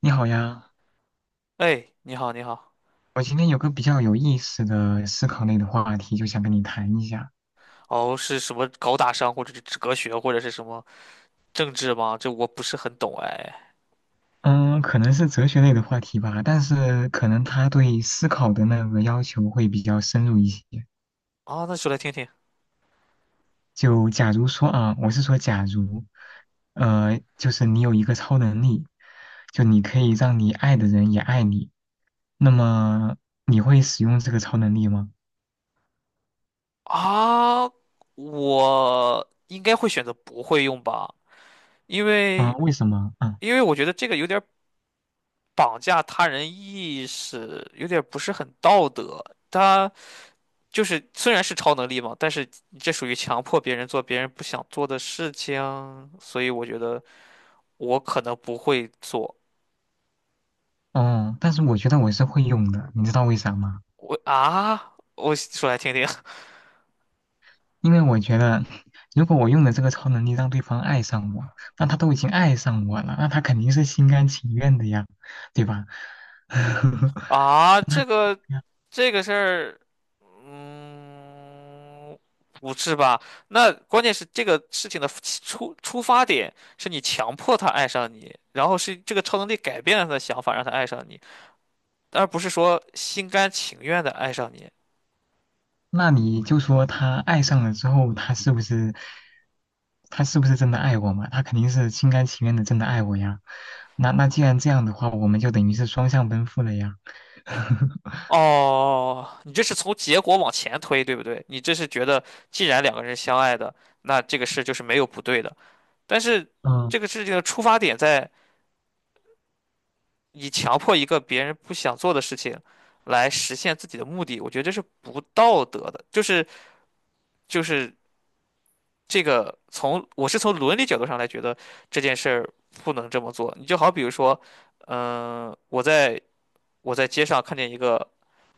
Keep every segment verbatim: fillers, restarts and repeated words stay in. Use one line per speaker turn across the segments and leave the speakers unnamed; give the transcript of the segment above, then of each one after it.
你好呀，
哎，你好，你好。
我今天有个比较有意思的思考类的话题，就想跟你谈一下。
哦，是什么高大上，或者是哲学，或者是什么政治吗？这我不是很懂哎。
嗯，可能是哲学类的话题吧，但是可能它对思考的那个要求会比较深入一些。
啊，那说来听听。
就假如说啊，我是说假如，呃，就是你有一个超能力，就你可以让你爱的人也爱你，那么你会使用这个超能力吗？
啊，我应该会选择不会用吧，因
啊，
为
为什么？啊，
因为我觉得这个有点儿绑架他人意识，有点儿不是很道德。他就是虽然是超能力嘛，但是你这属于强迫别人做别人不想做的事情，所以我觉得我可能不会做。
哦，但是我觉得我是会用的，你知道为啥吗？
我啊，我说来听听。
因为我觉得，如果我用了这个超能力让对方爱上我，那他都已经爱上我了，那他肯定是心甘情愿的呀，对吧？
啊，这个这个事儿，嗯，不是吧？那关键是这个事情的起出出发点是你强迫他爱上你，然后是这个超能力改变了他的想法，让他爱上你，而不是说心甘情愿的爱上你。
那你就说他爱上了之后，他是不是他是不是真的爱我嘛？他肯定是心甘情愿的真的爱我呀。那那既然这样的话，我们就等于是双向奔赴了呀。
哦，你这是从结果往前推，对不对？你这是觉得既然两个人相爱的，那这个事就是没有不对的，但是
嗯。
这个事情的出发点在。你强迫一个别人不想做的事情来实现自己的目的，我觉得这是不道德的。就是就是这个从我是从伦理角度上来觉得这件事儿不能这么做。你就好比如说，嗯、我在我在街上看见一个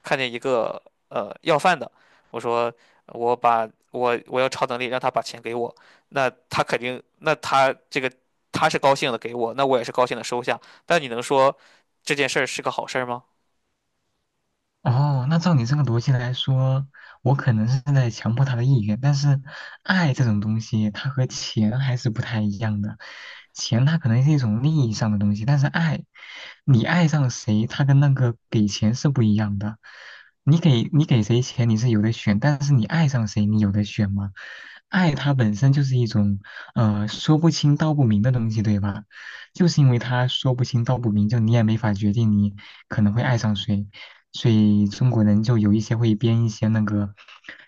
看见一个呃要饭的，我说我把我我要超能力让他把钱给我，那他肯定那他这个他是高兴的给我，那我也是高兴的收下。但你能说这件事儿是个好事儿吗？
哦，那照你这个逻辑来说，我可能是在强迫他的意愿，但是爱这种东西，它和钱还是不太一样的。钱它可能是一种利益上的东西，但是爱，你爱上谁，它跟那个给钱是不一样的。你给你给谁钱，你是有的选，但是你爱上谁，你有的选吗？爱它本身就是一种，呃，说不清道不明的东西，对吧？就是因为它说不清道不明，就你也没法决定你可能会爱上谁。所以中国人就有一些会编一些那个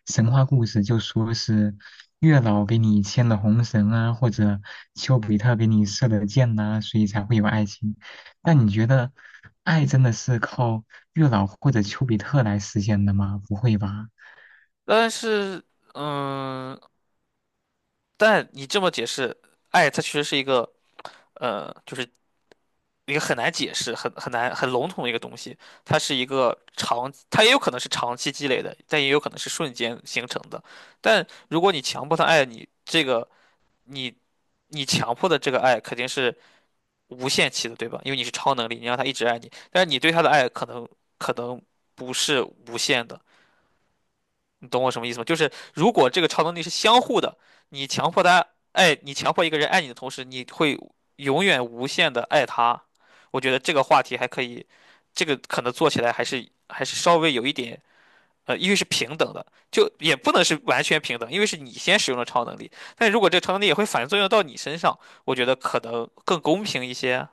神话故事，就说是月老给你牵了红绳啊，或者丘比特给你射了箭呐、所以才会有爱情。但你觉得爱真的是靠月老或者丘比特来实现的吗？不会吧？
但是，嗯，但你这么解释，爱它其实是一个，呃，就是一个很难解释、很很难、很笼统的一个东西。它是一个长，它也有可能是长期积累的，但也有可能是瞬间形成的。但如果你强迫他爱你，这个你你强迫的这个爱肯定是无限期的，对吧？因为你是超能力，你让他一直爱你，但是你对他的爱可能可能不是无限的。你懂我什么意思吗？就是如果这个超能力是相互的，你强迫他爱，你强迫一个人爱你的同时，你会永远无限的爱他。我觉得这个话题还可以，这个可能做起来还是还是稍微有一点，呃，因为是平等的，就也不能是完全平等，因为是你先使用了超能力，但如果这个超能力也会反作用到你身上，我觉得可能更公平一些。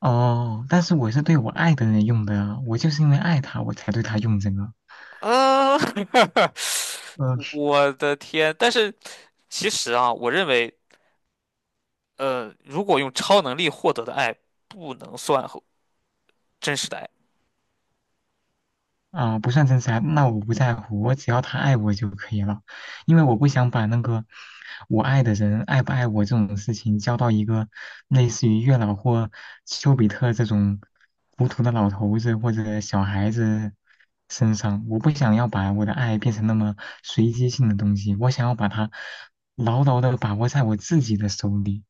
哦，但是我是对我爱的人用的，啊，我就是因为爱他，我才对他用这个。
嗯、
嗯。
我的天！但是其实啊，我认为呃，如果用超能力获得的爱不能算和真实的爱，
啊、不算真实爱，那我不在乎，我只要他爱我就可以了，因为我不想把那个我爱的人爱不爱我这种事情交到一个类似于月老或丘比特这种糊涂的老头子或者小孩子身上。我不想要把我的爱变成那么随机性的东西，我想要把它牢牢的把握在我自己的手里，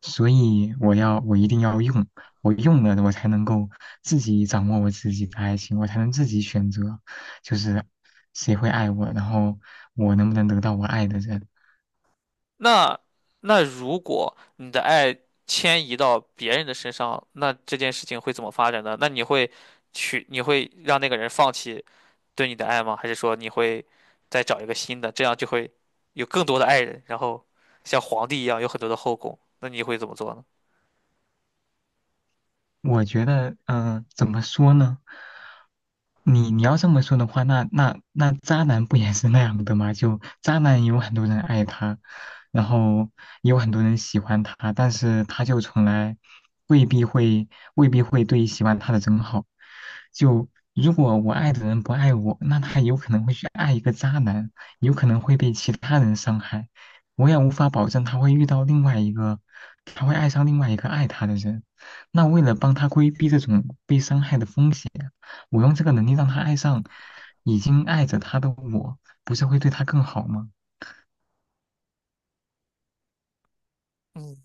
所以我要我一定要用。我用了，我才能够自己掌握我自己的爱情，我才能自己选择，就是谁会爱我，然后我能不能得到我爱的人。
那那如果你的爱迁移到别人的身上，那这件事情会怎么发展呢？那你会去，你会让那个人放弃对你的爱吗？还是说你会再找一个新的，这样就会有更多的爱人，然后像皇帝一样有很多的后宫？那你会怎么做呢？
我觉得，嗯、怎么说呢？你你要这么说的话，那那那渣男不也是那样的吗？就渣男有很多人爱他，然后也有很多人喜欢他，但是他就从来未必会未必会对喜欢他的人好。就如果我爱的人不爱我，那他有可能会去爱一个渣男，有可能会被其他人伤害。我也无法保证他会遇到另外一个，他会爱上另外一个爱他的人。那为了帮他规避这种被伤害的风险，我用这个能力让他爱上已经爱着他的我，不是会对他更好吗？
嗯。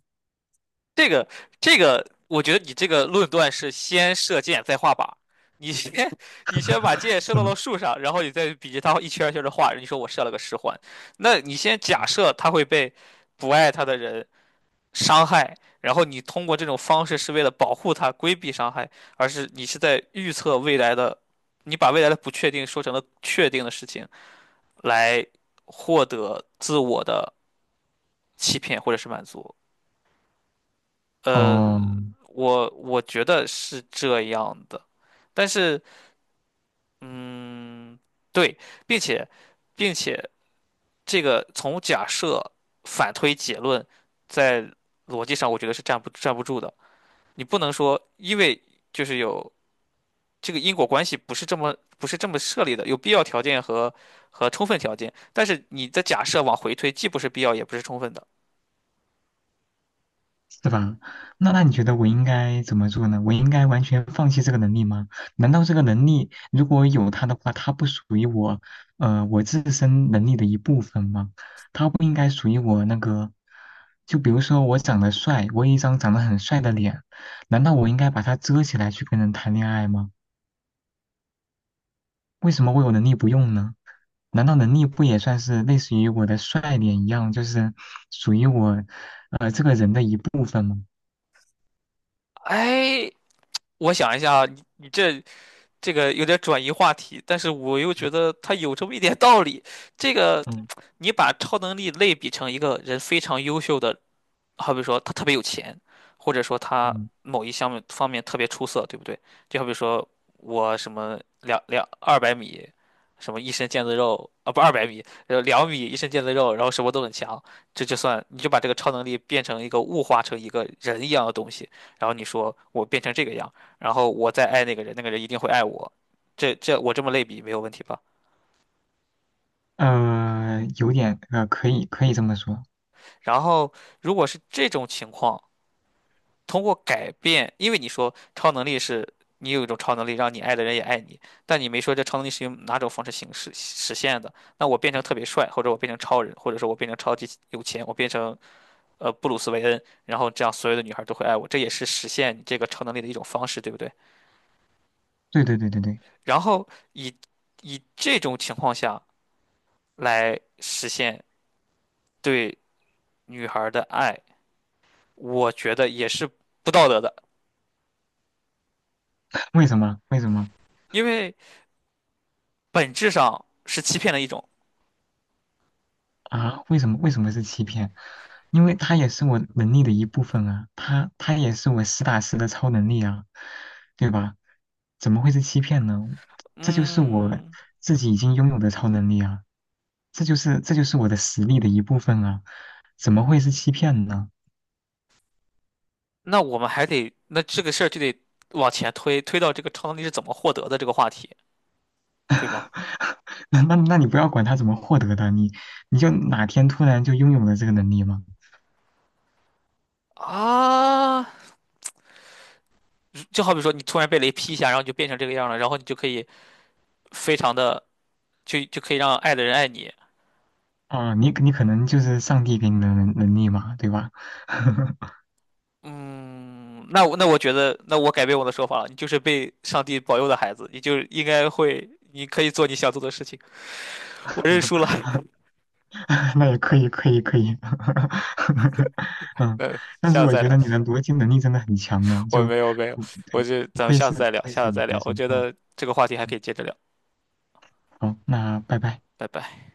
这个这个，我觉得你这个论断是先射箭再画靶。你先 你先把箭射
是
到
吗？
了树上，然后你再比着它一圈儿一圈的画。你说我射了个十环，那你先假设他会被不爱他的人伤害，然后你通过这种方式是为了保护他、规避伤害，而是你是在预测未来的，你把未来的不确定说成了确定的事情，来获得自我的欺骗或者是满足。呃，
哦，
我我觉得是这样的，但是，嗯，对，并且，并且这个从假设反推结论，在逻辑上我觉得是站不站不住的。你不能说，因为就是有这个因果关系不是这么不是这么设立的，有必要条件和和充分条件，但是你的假设往回推，既不是必要也不是充分的。
是吧？那那你觉得我应该怎么做呢？我应该完全放弃这个能力吗？难道这个能力如果有它的话，它不属于我，呃，我自身能力的一部分吗？它不应该属于我那个，就比如说我长得帅，我有一张长得很帅的脸，难道我应该把它遮起来去跟人谈恋爱吗？为什么我有能力不用呢？难道能力不也算是类似于我的帅脸一样，就是属于我，呃，这个人的一部分吗？
哎，我想一下啊，你你这这个有点转移话题，但是我又觉得他有这么一点道理。这个，
嗯。
你把超能力类比成一个人非常优秀的好比说他特别有钱，或者说他
嗯。
某一项目方面特别出色，对不对？就好比说我什么两两二百米，什么一身腱子肉啊，不二百米，呃两米一身腱子肉，然后什么都很强，这就算你就把这个超能力变成一个物化成一个人一样的东西，然后你说我变成这个样，然后我再爱那个人，那个人一定会爱我，这这我这么类比没有问题吧？
呃，有点呃，可以可以这么说。
然后如果是这种情况。通过改变，因为你说超能力是你有一种超能力，让你爱的人也爱你，但你没说这超能力是用哪种方式形式实现的。那我变成特别帅，或者我变成超人，或者说我变成超级有钱，我变成呃布鲁斯韦恩，然后这样所有的女孩都会爱我，这也是实现你这个超能力的一种方式，对不对？
对对对对对，
然后以以这种情况下来实现对女孩的爱，我觉得也是不道德的，
为什么？为什么
因为本质上是欺骗的一种。
啊？为什么为什么是欺骗？因为它也是我能力的一部分啊，它它也是我实打实的超能力啊，对吧？怎么会是欺骗呢？这就是我
嗯，
自己已经拥有的超能力啊，这就是这就是我的实力的一部分啊，怎么会是欺骗呢？
那我们还得，那这个事儿就得往前推，推到这个超能力是怎么获得的这个话题，对吗？
那那那你不要管他怎么获得的，你你就哪天突然就拥有了这个能力吗？
啊，就好比说你突然被雷劈一下，然后你就变成这个样了，然后你就可以非常的就就可以让爱的人爱你。
啊，你你可能就是上帝给你的能能力嘛，对吧？
嗯，那我那我觉得，那我改变我的说法了，你就是被上帝保佑的孩子，你就应该会，你可以做你想做的事情。我认输了，
那也可以，可以，可以。嗯，
那
但
下
是
次
我
再
觉
聊。
得你的逻辑能力真的很强呢，
我
就
没有没有，
不不
我
对
就
不
咱们
愧
下
是
次
不
再聊，
愧是
下次
理
再
科
聊。我
生。
觉
嗯，
得这个话题还可以接着聊，
好，那拜拜。
拜拜。